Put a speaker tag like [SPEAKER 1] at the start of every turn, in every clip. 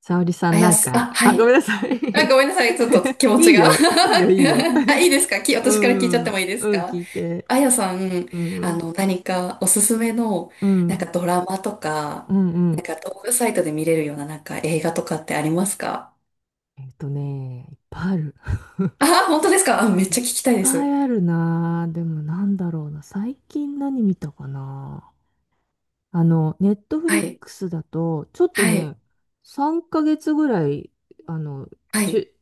[SPEAKER 1] 沙織さ
[SPEAKER 2] あ
[SPEAKER 1] んな
[SPEAKER 2] や
[SPEAKER 1] ん
[SPEAKER 2] す、
[SPEAKER 1] か、
[SPEAKER 2] あ、
[SPEAKER 1] あ、
[SPEAKER 2] は
[SPEAKER 1] ごめ
[SPEAKER 2] い。
[SPEAKER 1] んなさ
[SPEAKER 2] あ、
[SPEAKER 1] い。
[SPEAKER 2] ごめんなさい。ちょっと気 持
[SPEAKER 1] い
[SPEAKER 2] ち
[SPEAKER 1] い
[SPEAKER 2] が。
[SPEAKER 1] よ、いいよ、いいよ。
[SPEAKER 2] あ、いいですか？
[SPEAKER 1] う
[SPEAKER 2] 私から聞いちゃ
[SPEAKER 1] ん、
[SPEAKER 2] ってもいいです
[SPEAKER 1] うん、聞
[SPEAKER 2] か？
[SPEAKER 1] いて。
[SPEAKER 2] あやさん、
[SPEAKER 1] う
[SPEAKER 2] あ
[SPEAKER 1] ん、
[SPEAKER 2] の、何かおすすめの、
[SPEAKER 1] う
[SPEAKER 2] なんか
[SPEAKER 1] ん、
[SPEAKER 2] ドラマと
[SPEAKER 1] う
[SPEAKER 2] か、
[SPEAKER 1] ん、うん。
[SPEAKER 2] なんか動画サイトで見れるような、なんか映画とかってありますか？
[SPEAKER 1] いっぱいある。いっ
[SPEAKER 2] あ、本当ですか？あ、めっちゃ聞きたいで
[SPEAKER 1] ぱ
[SPEAKER 2] す。
[SPEAKER 1] いあるなぁ。でもなんだろうな。最近何見たかな。あの、ネットフ
[SPEAKER 2] は
[SPEAKER 1] リッ
[SPEAKER 2] い。
[SPEAKER 1] クスだと、ちょっと
[SPEAKER 2] はい。
[SPEAKER 1] ね、3ヶ月ぐらい、あの、
[SPEAKER 2] は
[SPEAKER 1] ち
[SPEAKER 2] い。
[SPEAKER 1] ゅ、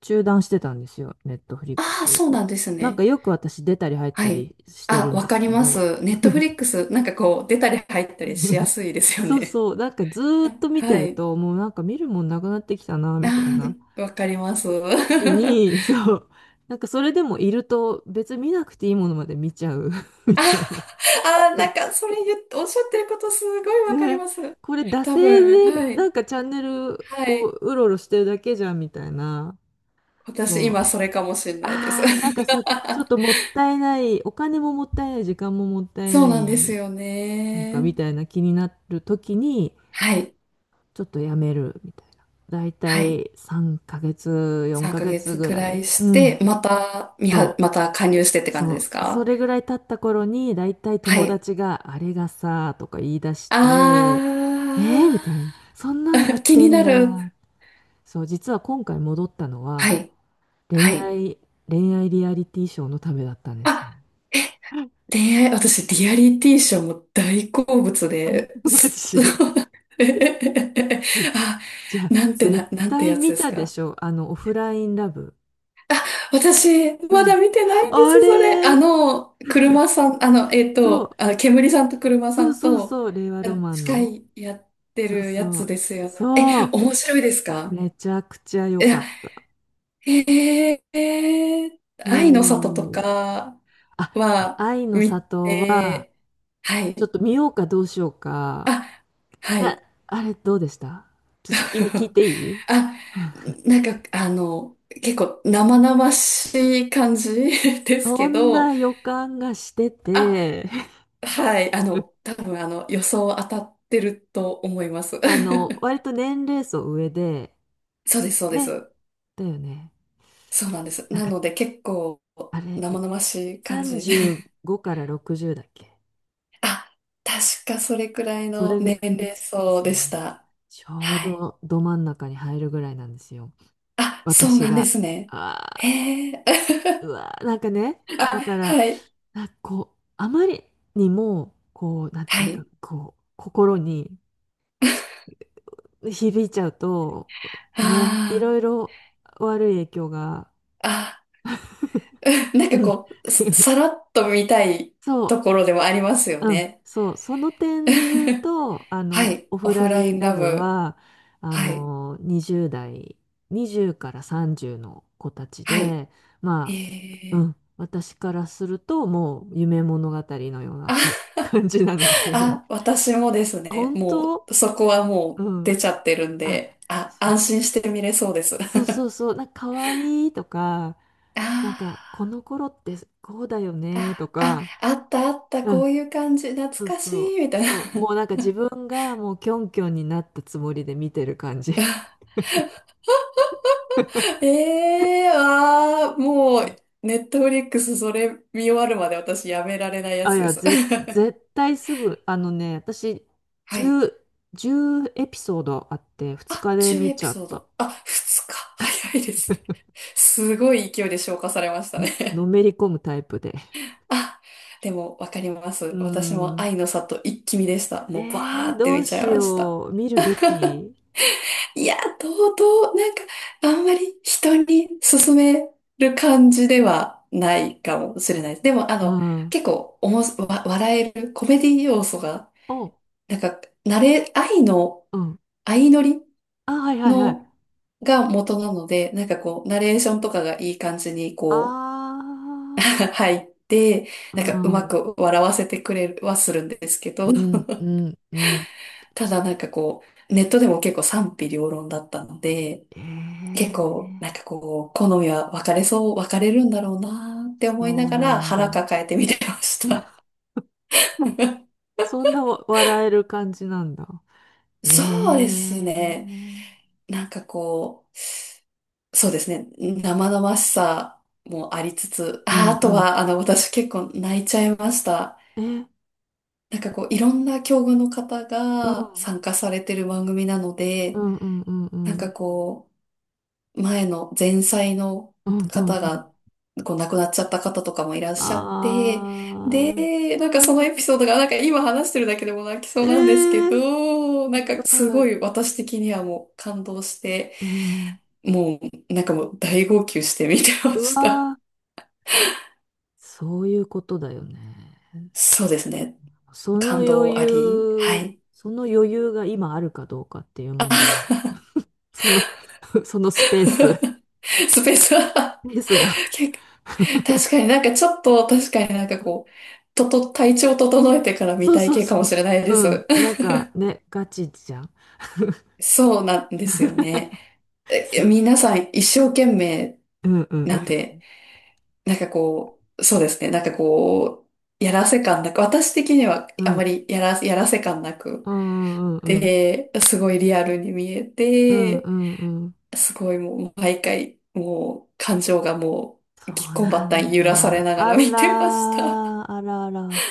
[SPEAKER 1] 中断してたんですよ。ネットフリック
[SPEAKER 2] ああ、
[SPEAKER 1] ス。
[SPEAKER 2] そうなんです
[SPEAKER 1] なんか
[SPEAKER 2] ね。
[SPEAKER 1] よく私出たり入った
[SPEAKER 2] はい。
[SPEAKER 1] りして
[SPEAKER 2] あ、
[SPEAKER 1] るん
[SPEAKER 2] わ
[SPEAKER 1] で
[SPEAKER 2] か
[SPEAKER 1] す
[SPEAKER 2] り
[SPEAKER 1] け
[SPEAKER 2] ま
[SPEAKER 1] ど、
[SPEAKER 2] す。ネットフリックス、なんかこう、出たり入ったりしやすい ですよ
[SPEAKER 1] そう
[SPEAKER 2] ね。
[SPEAKER 1] そう、なんかずーっと 見て
[SPEAKER 2] は
[SPEAKER 1] る
[SPEAKER 2] い。
[SPEAKER 1] と、もうなんか見るもんなくなってきたな、みたい
[SPEAKER 2] あ
[SPEAKER 1] な
[SPEAKER 2] ー、わかります。
[SPEAKER 1] 時に、そう、なんかそれでもいると別に見なくていいものまで見ちゃう み
[SPEAKER 2] あ、
[SPEAKER 1] たいな。
[SPEAKER 2] あー、なんか、それ言っておっしゃってることすごいわかり
[SPEAKER 1] ね、
[SPEAKER 2] ます。
[SPEAKER 1] これ惰
[SPEAKER 2] 多
[SPEAKER 1] 性
[SPEAKER 2] 分、
[SPEAKER 1] で
[SPEAKER 2] はい。
[SPEAKER 1] なんかチャンネル
[SPEAKER 2] はい。
[SPEAKER 1] こう、うろうろしてるだけじゃん、みたいな。
[SPEAKER 2] 私、
[SPEAKER 1] そ
[SPEAKER 2] 今、
[SPEAKER 1] う。
[SPEAKER 2] それかもしれないです。
[SPEAKER 1] あー、なんかさ、ちょっとも ったいない、お金ももったいない、時間ももったい
[SPEAKER 2] そう
[SPEAKER 1] な
[SPEAKER 2] なんです
[SPEAKER 1] い、
[SPEAKER 2] よ
[SPEAKER 1] なんか
[SPEAKER 2] ね。
[SPEAKER 1] みたいな気になる時に
[SPEAKER 2] はい。
[SPEAKER 1] ちょっとやめるみたいな。だいた
[SPEAKER 2] はい。
[SPEAKER 1] い3ヶ月、4
[SPEAKER 2] 3
[SPEAKER 1] ヶ
[SPEAKER 2] ヶ
[SPEAKER 1] 月
[SPEAKER 2] 月
[SPEAKER 1] ぐ
[SPEAKER 2] く
[SPEAKER 1] ら
[SPEAKER 2] らい
[SPEAKER 1] い。う
[SPEAKER 2] して、
[SPEAKER 1] ん。
[SPEAKER 2] また、みは、
[SPEAKER 1] そ
[SPEAKER 2] ま
[SPEAKER 1] う。
[SPEAKER 2] た加入してって感じで
[SPEAKER 1] そ
[SPEAKER 2] す
[SPEAKER 1] う。そ
[SPEAKER 2] か？
[SPEAKER 1] れぐらい経った頃にだいたい
[SPEAKER 2] は
[SPEAKER 1] 友
[SPEAKER 2] い。
[SPEAKER 1] 達があれがさとか言い出して、え
[SPEAKER 2] あ
[SPEAKER 1] ー、みたいな。そんなのやっ
[SPEAKER 2] ー、気
[SPEAKER 1] て
[SPEAKER 2] に
[SPEAKER 1] ん
[SPEAKER 2] な
[SPEAKER 1] だ。
[SPEAKER 2] る。
[SPEAKER 1] そう、実は今回戻ったの
[SPEAKER 2] は
[SPEAKER 1] は
[SPEAKER 2] い。は
[SPEAKER 1] 恋
[SPEAKER 2] い。
[SPEAKER 1] 愛、恋愛リアリティショーのためだったんですよ。
[SPEAKER 2] あえ 恋愛、私、リアリティショーも大好物
[SPEAKER 1] あ
[SPEAKER 2] で
[SPEAKER 1] マ
[SPEAKER 2] す。
[SPEAKER 1] ジ。
[SPEAKER 2] あ、
[SPEAKER 1] じゃあ、絶
[SPEAKER 2] なんて
[SPEAKER 1] 対
[SPEAKER 2] やつ
[SPEAKER 1] 見
[SPEAKER 2] です
[SPEAKER 1] たで
[SPEAKER 2] か？
[SPEAKER 1] しょ。あの、オフラインラブ。
[SPEAKER 2] 私、
[SPEAKER 1] う
[SPEAKER 2] ま
[SPEAKER 1] ん。
[SPEAKER 2] だ見てないんです、
[SPEAKER 1] あ
[SPEAKER 2] それ。
[SPEAKER 1] れ、
[SPEAKER 2] あの、車さん、あの、
[SPEAKER 1] そう、
[SPEAKER 2] あ、煙さんと車さ
[SPEAKER 1] そう
[SPEAKER 2] ん
[SPEAKER 1] そう
[SPEAKER 2] と、
[SPEAKER 1] そう、令和ロマン
[SPEAKER 2] 司
[SPEAKER 1] の。
[SPEAKER 2] 会やって
[SPEAKER 1] そう
[SPEAKER 2] るや
[SPEAKER 1] そ
[SPEAKER 2] つ
[SPEAKER 1] う、
[SPEAKER 2] ですよね。え、
[SPEAKER 1] そう、
[SPEAKER 2] 面白いですか？
[SPEAKER 1] めちゃくちゃ良
[SPEAKER 2] い
[SPEAKER 1] か
[SPEAKER 2] や、
[SPEAKER 1] った。
[SPEAKER 2] えー、愛の里と
[SPEAKER 1] もう、
[SPEAKER 2] か
[SPEAKER 1] あ、あ
[SPEAKER 2] は
[SPEAKER 1] 愛の
[SPEAKER 2] 見
[SPEAKER 1] 里は、
[SPEAKER 2] て、は
[SPEAKER 1] ちょっ
[SPEAKER 2] い。
[SPEAKER 1] と見ようかどうしようか。
[SPEAKER 2] あ、は
[SPEAKER 1] あ、
[SPEAKER 2] い。
[SPEAKER 1] あれどうでした？ちょっと先に聞い ていい？
[SPEAKER 2] あ、なんか、あの、結構生々しい感じ です
[SPEAKER 1] そ
[SPEAKER 2] け
[SPEAKER 1] ん
[SPEAKER 2] ど、
[SPEAKER 1] な予感がして
[SPEAKER 2] あ、
[SPEAKER 1] て、
[SPEAKER 2] はい、あの、多分あの、予想当たってると思います。
[SPEAKER 1] あの、割と年齢層上で、
[SPEAKER 2] そうです、そうで
[SPEAKER 1] ね、
[SPEAKER 2] す。
[SPEAKER 1] だよね。
[SPEAKER 2] そうなんです。
[SPEAKER 1] なん
[SPEAKER 2] な
[SPEAKER 1] か、
[SPEAKER 2] ので結構
[SPEAKER 1] あれ、
[SPEAKER 2] 生々しい感じで。
[SPEAKER 1] 35から60だっけ？
[SPEAKER 2] あ、確かそれくらい
[SPEAKER 1] そ
[SPEAKER 2] の
[SPEAKER 1] れぐら
[SPEAKER 2] 年齢
[SPEAKER 1] いで
[SPEAKER 2] 層
[SPEAKER 1] す
[SPEAKER 2] で
[SPEAKER 1] よ
[SPEAKER 2] し
[SPEAKER 1] ね。
[SPEAKER 2] た。
[SPEAKER 1] ちょう
[SPEAKER 2] はい。
[SPEAKER 1] どど真ん中に入るぐらいなんですよ。
[SPEAKER 2] あ、そう
[SPEAKER 1] 私
[SPEAKER 2] なんで
[SPEAKER 1] が。
[SPEAKER 2] すね。
[SPEAKER 1] ああ、
[SPEAKER 2] へ
[SPEAKER 1] う
[SPEAKER 2] え。
[SPEAKER 1] わー、なんかね、だ
[SPEAKER 2] あ、
[SPEAKER 1] から、
[SPEAKER 2] はい。
[SPEAKER 1] なんかこう、あまりにも、こう、なんてい
[SPEAKER 2] は
[SPEAKER 1] うか、
[SPEAKER 2] い。
[SPEAKER 1] こう、心に響いちゃうと、ね、い
[SPEAKER 2] あ
[SPEAKER 1] ろいろ悪い影響が、
[SPEAKER 2] あ、あ なん
[SPEAKER 1] う
[SPEAKER 2] か
[SPEAKER 1] ん
[SPEAKER 2] こう、さ さらっと見たい
[SPEAKER 1] そう、
[SPEAKER 2] ところでもありますよ
[SPEAKER 1] うん、
[SPEAKER 2] ね。
[SPEAKER 1] そう、その点で言う と、あ
[SPEAKER 2] は
[SPEAKER 1] の、
[SPEAKER 2] い。
[SPEAKER 1] オ
[SPEAKER 2] オ
[SPEAKER 1] フ
[SPEAKER 2] フ
[SPEAKER 1] ラ
[SPEAKER 2] ラ
[SPEAKER 1] イ
[SPEAKER 2] イ
[SPEAKER 1] ン
[SPEAKER 2] ン
[SPEAKER 1] ラ
[SPEAKER 2] ラ
[SPEAKER 1] ブ
[SPEAKER 2] ブ。
[SPEAKER 1] は、あ
[SPEAKER 2] はい。
[SPEAKER 1] の、20代、20から30の子たち
[SPEAKER 2] はい。
[SPEAKER 1] で、
[SPEAKER 2] え
[SPEAKER 1] まあ、う
[SPEAKER 2] ー
[SPEAKER 1] ん、私からすると、もう夢物語のようなか
[SPEAKER 2] あ、
[SPEAKER 1] 感じなので、
[SPEAKER 2] あ、私もですね。
[SPEAKER 1] 本
[SPEAKER 2] も
[SPEAKER 1] 当
[SPEAKER 2] う、そこはも
[SPEAKER 1] う
[SPEAKER 2] う出
[SPEAKER 1] ん。
[SPEAKER 2] ちゃってるん
[SPEAKER 1] あ、
[SPEAKER 2] で、あ、
[SPEAKER 1] そ
[SPEAKER 2] 安心して見れそうです。あ
[SPEAKER 1] そうそうそう、なんか可愛いとか、なんか、この頃ってこうだよ
[SPEAKER 2] ー
[SPEAKER 1] ねと
[SPEAKER 2] あ、あ、
[SPEAKER 1] か、
[SPEAKER 2] あったあった、
[SPEAKER 1] う
[SPEAKER 2] こ
[SPEAKER 1] ん、
[SPEAKER 2] ういう感じ、懐
[SPEAKER 1] そう
[SPEAKER 2] かし
[SPEAKER 1] そ
[SPEAKER 2] い、み
[SPEAKER 1] う、
[SPEAKER 2] たいな。
[SPEAKER 1] そう、もうなんか自分がもうキョンキョンになったつもりで見てる感じ。
[SPEAKER 2] もう、ネットフリックスそれ見終わるまで私やめられないや
[SPEAKER 1] あ、い
[SPEAKER 2] つで
[SPEAKER 1] や、
[SPEAKER 2] す。
[SPEAKER 1] 絶対すぐ、あのね、私、
[SPEAKER 2] はい。
[SPEAKER 1] 10、じゅうエピソードあって、2
[SPEAKER 2] あ、
[SPEAKER 1] 日で
[SPEAKER 2] 10
[SPEAKER 1] 見
[SPEAKER 2] エ
[SPEAKER 1] ち
[SPEAKER 2] ピ
[SPEAKER 1] ゃ
[SPEAKER 2] ソ
[SPEAKER 1] っ
[SPEAKER 2] ー
[SPEAKER 1] た。
[SPEAKER 2] ド。あ、2日。早いですね。すごい勢いで消化されました
[SPEAKER 1] の
[SPEAKER 2] ね。
[SPEAKER 1] めり込むタイプで。
[SPEAKER 2] あ、でもわかりま
[SPEAKER 1] う
[SPEAKER 2] す。
[SPEAKER 1] ー
[SPEAKER 2] 私も
[SPEAKER 1] ん。
[SPEAKER 2] 愛の里一気見でした。
[SPEAKER 1] え
[SPEAKER 2] もうバー
[SPEAKER 1] ー、
[SPEAKER 2] って
[SPEAKER 1] どう
[SPEAKER 2] 見ちゃい
[SPEAKER 1] し
[SPEAKER 2] ました。
[SPEAKER 1] よう。見るべき。
[SPEAKER 2] いや、とうとう、なんか、あんまり人に勧める感じではないかもしれないです。でも、あ
[SPEAKER 1] う
[SPEAKER 2] の、
[SPEAKER 1] ん。
[SPEAKER 2] 結構おもし、わ、笑えるコメディ要素が、
[SPEAKER 1] お、
[SPEAKER 2] なんか、愛の、
[SPEAKER 1] うん。
[SPEAKER 2] 相乗り
[SPEAKER 1] あ、はいはいはい。
[SPEAKER 2] の、が元なので、なんかこう、ナレーションとかがいい感じにこう、
[SPEAKER 1] あ
[SPEAKER 2] 入って、
[SPEAKER 1] ー、う
[SPEAKER 2] なんかうま
[SPEAKER 1] ん。
[SPEAKER 2] く笑わせてくれはするんですけど、
[SPEAKER 1] うん、うん、うん。
[SPEAKER 2] ただなんかこう、ネットでも結構賛否両論だったので、
[SPEAKER 1] えー、
[SPEAKER 2] 結構なんかこう、好みは分かれるんだろうなーって思い
[SPEAKER 1] そ
[SPEAKER 2] な
[SPEAKER 1] う
[SPEAKER 2] が
[SPEAKER 1] な
[SPEAKER 2] ら
[SPEAKER 1] ん
[SPEAKER 2] 腹
[SPEAKER 1] だ。
[SPEAKER 2] 抱えて見てました。
[SPEAKER 1] そんな笑える感じなんだ。え
[SPEAKER 2] そうですね。
[SPEAKER 1] え、
[SPEAKER 2] なんかこう、そうですね。生々しさもありつつ、
[SPEAKER 1] う
[SPEAKER 2] あ、
[SPEAKER 1] ん
[SPEAKER 2] あ
[SPEAKER 1] う
[SPEAKER 2] と
[SPEAKER 1] ん。
[SPEAKER 2] は、あの、私結構泣いちゃいました。
[SPEAKER 1] え、
[SPEAKER 2] なんかこう、いろんな境遇の方
[SPEAKER 1] う
[SPEAKER 2] が
[SPEAKER 1] ん。
[SPEAKER 2] 参加されてる番組なの
[SPEAKER 1] う
[SPEAKER 2] で、
[SPEAKER 1] んうんうんう
[SPEAKER 2] なんか
[SPEAKER 1] ん。
[SPEAKER 2] こう、前の前妻の
[SPEAKER 1] うんうん
[SPEAKER 2] 方
[SPEAKER 1] うん。
[SPEAKER 2] が、こう、亡くなっちゃった方とかもいらっしゃって、
[SPEAKER 1] あー。
[SPEAKER 2] で、
[SPEAKER 1] う
[SPEAKER 2] なんかそのエピソー
[SPEAKER 1] ん。
[SPEAKER 2] ドが、なんか今話してるだけでも泣きそ
[SPEAKER 1] え
[SPEAKER 2] うなんですけ
[SPEAKER 1] え、
[SPEAKER 2] ど、な
[SPEAKER 1] や
[SPEAKER 2] んかす
[SPEAKER 1] ばい。
[SPEAKER 2] ごい私的にはもう感動して、
[SPEAKER 1] うん。
[SPEAKER 2] もう、なんかもう大号泣して見てま
[SPEAKER 1] う
[SPEAKER 2] した。
[SPEAKER 1] わー。そういうことだよね。
[SPEAKER 2] そうですね。
[SPEAKER 1] その
[SPEAKER 2] 感
[SPEAKER 1] 余
[SPEAKER 2] 動あり。は
[SPEAKER 1] 裕、
[SPEAKER 2] い。
[SPEAKER 1] その余裕が今あるかどうかっていう問題。その、そのスペース、ス
[SPEAKER 2] スペースは
[SPEAKER 1] ペースが。
[SPEAKER 2] 結構確 かになんかちょっと、確かになんかこう、体調整えてから見
[SPEAKER 1] そう
[SPEAKER 2] たい
[SPEAKER 1] そう
[SPEAKER 2] 系か
[SPEAKER 1] そ
[SPEAKER 2] もしれない
[SPEAKER 1] う。
[SPEAKER 2] で
[SPEAKER 1] うん。
[SPEAKER 2] す。
[SPEAKER 1] なんかね、ガチじゃん。
[SPEAKER 2] そうなんですよね。
[SPEAKER 1] そう。
[SPEAKER 2] 皆さん一生懸命
[SPEAKER 1] うんうんう
[SPEAKER 2] な
[SPEAKER 1] ん。
[SPEAKER 2] んで、なんかこう、そうですね。なんかこう、やらせ感なく、私的には
[SPEAKER 1] う
[SPEAKER 2] あま
[SPEAKER 1] ん
[SPEAKER 2] りやらせ感なく、
[SPEAKER 1] うんうんうん。
[SPEAKER 2] で、すごいリアルに見え
[SPEAKER 1] うん
[SPEAKER 2] て、
[SPEAKER 1] うんうん。
[SPEAKER 2] すごいもう毎回、もう感情がもう
[SPEAKER 1] そ
[SPEAKER 2] ぎっ
[SPEAKER 1] う
[SPEAKER 2] こんば
[SPEAKER 1] な
[SPEAKER 2] ったん
[SPEAKER 1] ん
[SPEAKER 2] 揺らされ
[SPEAKER 1] だ。
[SPEAKER 2] なが
[SPEAKER 1] あ
[SPEAKER 2] ら見てま
[SPEAKER 1] ら
[SPEAKER 2] した。
[SPEAKER 1] ー、あらあら。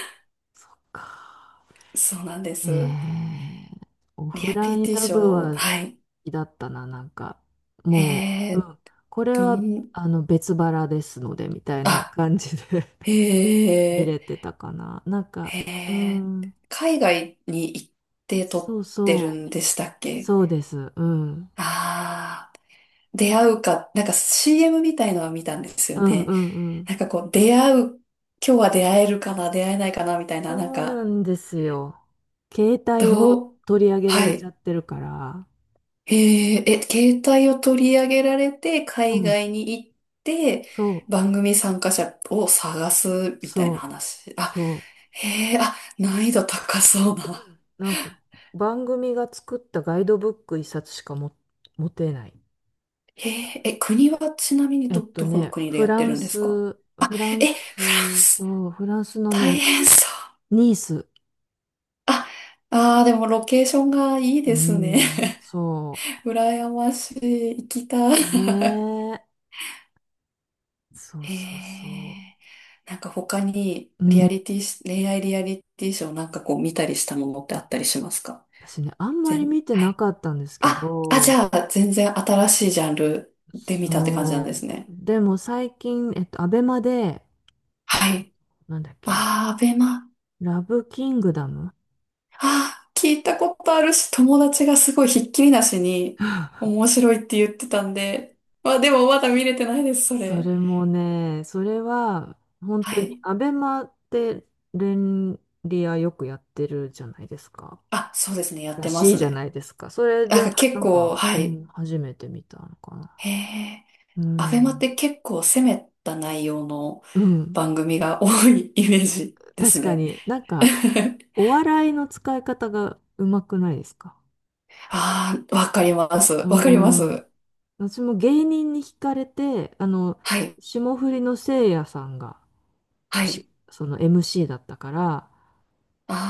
[SPEAKER 1] そっか。
[SPEAKER 2] そうなんで
[SPEAKER 1] え
[SPEAKER 2] す。
[SPEAKER 1] え、オ
[SPEAKER 2] リ
[SPEAKER 1] フ
[SPEAKER 2] ア
[SPEAKER 1] ラ
[SPEAKER 2] リ
[SPEAKER 1] イン
[SPEAKER 2] ティ
[SPEAKER 1] ラ
[SPEAKER 2] シ
[SPEAKER 1] ブ
[SPEAKER 2] ョー、
[SPEAKER 1] は好
[SPEAKER 2] はい。
[SPEAKER 1] きだったな、なんか。もう、う
[SPEAKER 2] えー、
[SPEAKER 1] ん。これ
[SPEAKER 2] ど
[SPEAKER 1] は、
[SPEAKER 2] ん、
[SPEAKER 1] あの、別腹ですので、みたいな
[SPEAKER 2] あ、
[SPEAKER 1] 感じで 見
[SPEAKER 2] え
[SPEAKER 1] れてたかな。なんか、
[SPEAKER 2] ー、
[SPEAKER 1] う
[SPEAKER 2] えー、
[SPEAKER 1] ん。
[SPEAKER 2] 海外に行って
[SPEAKER 1] そ
[SPEAKER 2] 撮
[SPEAKER 1] う
[SPEAKER 2] ってる
[SPEAKER 1] そう。
[SPEAKER 2] んでしたっけ？
[SPEAKER 1] そうです。うん。
[SPEAKER 2] ああー、出会うか、なんか CM みたいのは見たんですよ
[SPEAKER 1] うんう
[SPEAKER 2] ね。
[SPEAKER 1] んうん。
[SPEAKER 2] なんかこう、出会う、今日は出会えるかな、出会えないかな、みたいな、なん
[SPEAKER 1] そうな
[SPEAKER 2] か、
[SPEAKER 1] んですよ。携帯を
[SPEAKER 2] どう、
[SPEAKER 1] 取り上げら
[SPEAKER 2] は
[SPEAKER 1] れちゃっ
[SPEAKER 2] い。
[SPEAKER 1] てるから。
[SPEAKER 2] へえ、え、携帯を取り上げられて、
[SPEAKER 1] う
[SPEAKER 2] 海
[SPEAKER 1] ん。
[SPEAKER 2] 外に行って、
[SPEAKER 1] そう、
[SPEAKER 2] 番組参加者を探すみたいな
[SPEAKER 1] そう、
[SPEAKER 2] 話。あ、
[SPEAKER 1] そ
[SPEAKER 2] へえ、あ、難易度高そうな。
[SPEAKER 1] う。なんか番組が作ったガイドブック一冊しかも持てない。
[SPEAKER 2] へえ、え、国はちなみにどこの国で
[SPEAKER 1] フ
[SPEAKER 2] やっ
[SPEAKER 1] ラ
[SPEAKER 2] てる
[SPEAKER 1] ン
[SPEAKER 2] んですか？
[SPEAKER 1] ス、フラ
[SPEAKER 2] え、
[SPEAKER 1] ン
[SPEAKER 2] フラン
[SPEAKER 1] ス、
[SPEAKER 2] ス、
[SPEAKER 1] そう、フランスのね、
[SPEAKER 2] 大変そう。
[SPEAKER 1] ニース。
[SPEAKER 2] あ、あー、でもロケーションがいい
[SPEAKER 1] う
[SPEAKER 2] ですね。
[SPEAKER 1] ん、そ
[SPEAKER 2] 羨ましい。行きた
[SPEAKER 1] う。ね
[SPEAKER 2] い。
[SPEAKER 1] え。そう
[SPEAKER 2] へ
[SPEAKER 1] そうそ
[SPEAKER 2] え。なんか他に
[SPEAKER 1] う。う
[SPEAKER 2] リア
[SPEAKER 1] ん、
[SPEAKER 2] リティし、恋愛リアリティショーなんかこう見たりしたものってあったりしますか？
[SPEAKER 1] 私ね、あんまり見て
[SPEAKER 2] は
[SPEAKER 1] な
[SPEAKER 2] い。
[SPEAKER 1] かったんですけ
[SPEAKER 2] あ、あ、じ
[SPEAKER 1] ど、
[SPEAKER 2] ゃあ全然新しいジャンルで見たって感じなんで
[SPEAKER 1] そ
[SPEAKER 2] す
[SPEAKER 1] う。
[SPEAKER 2] ね。
[SPEAKER 1] でも最近、アベマで、
[SPEAKER 2] はい。
[SPEAKER 1] なんだっけ、
[SPEAKER 2] ああ、アベマ。
[SPEAKER 1] ラブキングダム。
[SPEAKER 2] ああ、聞いたことあるし、友達がすごいひっきりなしに 面白いって言ってたんで。まあでもまだ見れてないです、そ
[SPEAKER 1] そ
[SPEAKER 2] れ。
[SPEAKER 1] れもね、それは、本当
[SPEAKER 2] は
[SPEAKER 1] に、
[SPEAKER 2] い。
[SPEAKER 1] アベマって連リアよくやってるじゃないですか。
[SPEAKER 2] あ、そうですね、やっ
[SPEAKER 1] ら
[SPEAKER 2] てま
[SPEAKER 1] しい
[SPEAKER 2] す
[SPEAKER 1] じゃな
[SPEAKER 2] ね。
[SPEAKER 1] いですか。それ
[SPEAKER 2] な
[SPEAKER 1] で、
[SPEAKER 2] んか結
[SPEAKER 1] なん
[SPEAKER 2] 構、
[SPEAKER 1] か、
[SPEAKER 2] は
[SPEAKER 1] う
[SPEAKER 2] い。
[SPEAKER 1] ん、初めて見たのかな。
[SPEAKER 2] へえ。
[SPEAKER 1] う
[SPEAKER 2] アベマっ
[SPEAKER 1] ん。
[SPEAKER 2] て結構攻めた内容の
[SPEAKER 1] うん。
[SPEAKER 2] 番組が多いイメージで
[SPEAKER 1] 確
[SPEAKER 2] す
[SPEAKER 1] か
[SPEAKER 2] ね。
[SPEAKER 1] になんか、お笑いの使い方がうまくないですか？
[SPEAKER 2] ああ、わかります。
[SPEAKER 1] う
[SPEAKER 2] わかります。
[SPEAKER 1] ーん。私も芸人に惹かれて、あの、
[SPEAKER 2] はい。
[SPEAKER 1] 霜降りのせいやさんが、
[SPEAKER 2] はい。
[SPEAKER 1] その MC だったから、
[SPEAKER 2] あ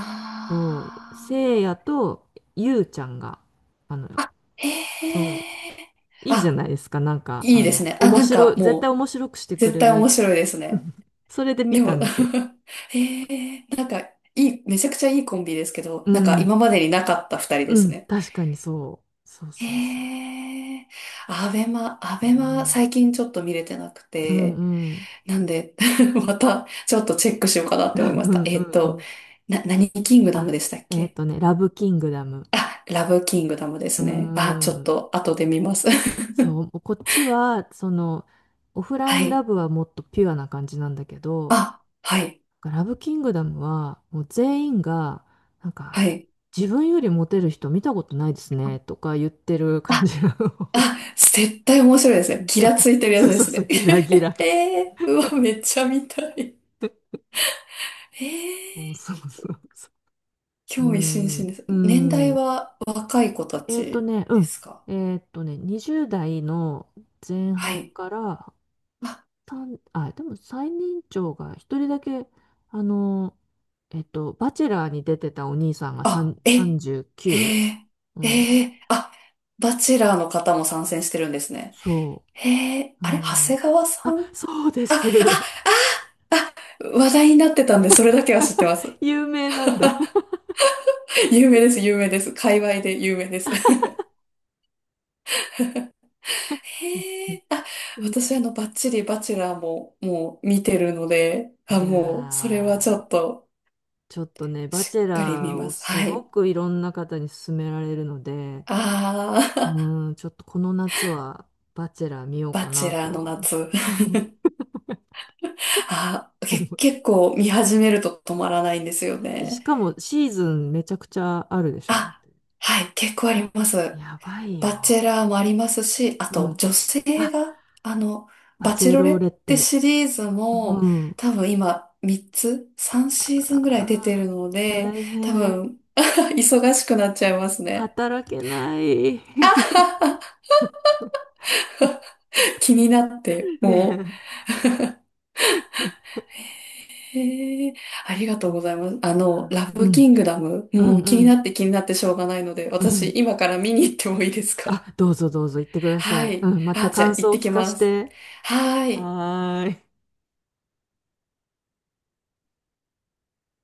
[SPEAKER 1] そう、せいやとゆうちゃんが、あの、
[SPEAKER 2] あ。あ、へ
[SPEAKER 1] そ
[SPEAKER 2] え。
[SPEAKER 1] う、いいじゃ
[SPEAKER 2] あ、
[SPEAKER 1] ないですか。なんか、
[SPEAKER 2] いいですね。あ、
[SPEAKER 1] 面
[SPEAKER 2] なん
[SPEAKER 1] 白
[SPEAKER 2] か
[SPEAKER 1] い、絶対
[SPEAKER 2] も
[SPEAKER 1] 面白くして
[SPEAKER 2] う、
[SPEAKER 1] く
[SPEAKER 2] 絶
[SPEAKER 1] れ
[SPEAKER 2] 対
[SPEAKER 1] る。
[SPEAKER 2] 面白いですね。
[SPEAKER 1] それで見
[SPEAKER 2] で
[SPEAKER 1] た
[SPEAKER 2] も
[SPEAKER 1] んですよ。
[SPEAKER 2] へえ。なんか、めちゃくちゃいいコンビですけど、
[SPEAKER 1] う
[SPEAKER 2] なんか
[SPEAKER 1] ん、
[SPEAKER 2] 今までになかった二人で
[SPEAKER 1] う
[SPEAKER 2] す
[SPEAKER 1] ん、
[SPEAKER 2] ね。
[SPEAKER 1] 確かにそう。そうそうそ
[SPEAKER 2] へえ、ア
[SPEAKER 1] う。う
[SPEAKER 2] ベマ
[SPEAKER 1] ん、
[SPEAKER 2] 最近ちょっと見れてなく
[SPEAKER 1] うん、
[SPEAKER 2] て、
[SPEAKER 1] うん、
[SPEAKER 2] なんで、またちょっとチェックしようかなっ
[SPEAKER 1] う
[SPEAKER 2] て思いました。
[SPEAKER 1] ん、
[SPEAKER 2] え
[SPEAKER 1] う
[SPEAKER 2] っ
[SPEAKER 1] ん。う
[SPEAKER 2] と、
[SPEAKER 1] ん、
[SPEAKER 2] 何キングダム
[SPEAKER 1] あ、
[SPEAKER 2] でしたっけ？
[SPEAKER 1] ラブキングダム。
[SPEAKER 2] あ、ラブキングダムで
[SPEAKER 1] うー
[SPEAKER 2] すね。あ、ちょっ
[SPEAKER 1] ん。
[SPEAKER 2] と後で見ます。
[SPEAKER 1] そう、こっちは、オフライ
[SPEAKER 2] は
[SPEAKER 1] ンラ
[SPEAKER 2] い。
[SPEAKER 1] ブはもっとピュアな感じなんだけど、
[SPEAKER 2] あ、はい、
[SPEAKER 1] ラブキングダムは、もう全員が、なんか、
[SPEAKER 2] はい。
[SPEAKER 1] 自分よりモテる人見たことないですね、とか言ってる感
[SPEAKER 2] あ、
[SPEAKER 1] じなの。
[SPEAKER 2] あ、絶対面白いですね。ギラついて るや
[SPEAKER 1] そ
[SPEAKER 2] つ
[SPEAKER 1] う
[SPEAKER 2] で
[SPEAKER 1] そう
[SPEAKER 2] す
[SPEAKER 1] そう、
[SPEAKER 2] ね。
[SPEAKER 1] ギラギラ。
[SPEAKER 2] うわ、めっちゃ見たい。
[SPEAKER 1] そ
[SPEAKER 2] えー、
[SPEAKER 1] うそうそうそう。う
[SPEAKER 2] 興味津々
[SPEAKER 1] ん、
[SPEAKER 2] です。
[SPEAKER 1] う
[SPEAKER 2] 年代
[SPEAKER 1] ん。
[SPEAKER 2] は若い子たち
[SPEAKER 1] う
[SPEAKER 2] で
[SPEAKER 1] ん。
[SPEAKER 2] すか？
[SPEAKER 1] 20代の前
[SPEAKER 2] は
[SPEAKER 1] 半
[SPEAKER 2] い。
[SPEAKER 1] から
[SPEAKER 2] あ、
[SPEAKER 1] でも最年長が一人だけ、あの、バチェラーに出てたお兄さんが
[SPEAKER 2] あ、
[SPEAKER 1] 3
[SPEAKER 2] え、
[SPEAKER 1] 39？
[SPEAKER 2] へ
[SPEAKER 1] う
[SPEAKER 2] え、
[SPEAKER 1] きゅううん。
[SPEAKER 2] へえ、あ、バチェラーの方も参戦してるんですね。
[SPEAKER 1] そ
[SPEAKER 2] へえ、
[SPEAKER 1] う。う
[SPEAKER 2] あれ、長
[SPEAKER 1] ん。
[SPEAKER 2] 谷川さ
[SPEAKER 1] あ、
[SPEAKER 2] ん、あ、
[SPEAKER 1] そうです。
[SPEAKER 2] あ、話題になってたんで、それだけは知っ てます。
[SPEAKER 1] 有名なんだ？
[SPEAKER 2] 有名です、有名です。界隈で有名です。へえ、あ、
[SPEAKER 1] うん、
[SPEAKER 2] 私あの、バッチリバチェラーももう見てるので、
[SPEAKER 1] い
[SPEAKER 2] あ、
[SPEAKER 1] や
[SPEAKER 2] もう、それはちょ
[SPEAKER 1] ー、
[SPEAKER 2] っと、
[SPEAKER 1] ちょっとね、バ
[SPEAKER 2] し
[SPEAKER 1] チェ
[SPEAKER 2] っかり見
[SPEAKER 1] ラー
[SPEAKER 2] ま
[SPEAKER 1] を
[SPEAKER 2] す。
[SPEAKER 1] す
[SPEAKER 2] は
[SPEAKER 1] ご
[SPEAKER 2] い。
[SPEAKER 1] くいろんな方に勧められるので、
[SPEAKER 2] あー、
[SPEAKER 1] うん、ちょっとこの夏はバチェラー見よ う
[SPEAKER 2] バ
[SPEAKER 1] か
[SPEAKER 2] チェ
[SPEAKER 1] な
[SPEAKER 2] ラーの
[SPEAKER 1] と
[SPEAKER 2] 夏。あ、
[SPEAKER 1] 思い、
[SPEAKER 2] 結構見始めると止まらないんですよ
[SPEAKER 1] し
[SPEAKER 2] ね。
[SPEAKER 1] かもシーズンめちゃくちゃあるでしょ、だっ
[SPEAKER 2] あ、
[SPEAKER 1] て。
[SPEAKER 2] はい、結構あります。
[SPEAKER 1] やばい
[SPEAKER 2] バチェ
[SPEAKER 1] よ。
[SPEAKER 2] ラーもありますし、あ
[SPEAKER 1] う
[SPEAKER 2] と
[SPEAKER 1] ん。
[SPEAKER 2] 女性
[SPEAKER 1] あ、
[SPEAKER 2] が、あの、
[SPEAKER 1] パ
[SPEAKER 2] バ
[SPEAKER 1] チ
[SPEAKER 2] チェ
[SPEAKER 1] ェ
[SPEAKER 2] ロレ
[SPEAKER 1] ロー
[SPEAKER 2] っ
[SPEAKER 1] レっ
[SPEAKER 2] て
[SPEAKER 1] て。
[SPEAKER 2] シリーズも
[SPEAKER 1] うん。
[SPEAKER 2] 多分今3つ、3シー
[SPEAKER 1] あ
[SPEAKER 2] ズンぐらい出てる
[SPEAKER 1] あ
[SPEAKER 2] の
[SPEAKER 1] ー、
[SPEAKER 2] で、
[SPEAKER 1] 大
[SPEAKER 2] 多
[SPEAKER 1] 変。
[SPEAKER 2] 分 忙しくなっちゃいますね。
[SPEAKER 1] 働けない。
[SPEAKER 2] 気になって、
[SPEAKER 1] ね
[SPEAKER 2] もう
[SPEAKER 1] え。
[SPEAKER 2] へえ、ありがとう
[SPEAKER 1] う
[SPEAKER 2] ござい
[SPEAKER 1] ん
[SPEAKER 2] ます。あの、ラ
[SPEAKER 1] う
[SPEAKER 2] ブキ
[SPEAKER 1] ん、
[SPEAKER 2] ングダム、
[SPEAKER 1] う
[SPEAKER 2] も
[SPEAKER 1] ん、
[SPEAKER 2] う気
[SPEAKER 1] う
[SPEAKER 2] になっ
[SPEAKER 1] ん。
[SPEAKER 2] て気になってしょうがないので、
[SPEAKER 1] う
[SPEAKER 2] 私
[SPEAKER 1] ん、
[SPEAKER 2] 今から見に行ってもいいですか？
[SPEAKER 1] あ、どうぞどうぞ言ってくだ
[SPEAKER 2] は
[SPEAKER 1] さい。
[SPEAKER 2] い。
[SPEAKER 1] うん、ま
[SPEAKER 2] あ、
[SPEAKER 1] た
[SPEAKER 2] じゃあ
[SPEAKER 1] 感
[SPEAKER 2] 行っ
[SPEAKER 1] 想を
[SPEAKER 2] て
[SPEAKER 1] 聞
[SPEAKER 2] き
[SPEAKER 1] かし
[SPEAKER 2] ます。
[SPEAKER 1] て。
[SPEAKER 2] はーい。
[SPEAKER 1] はーい。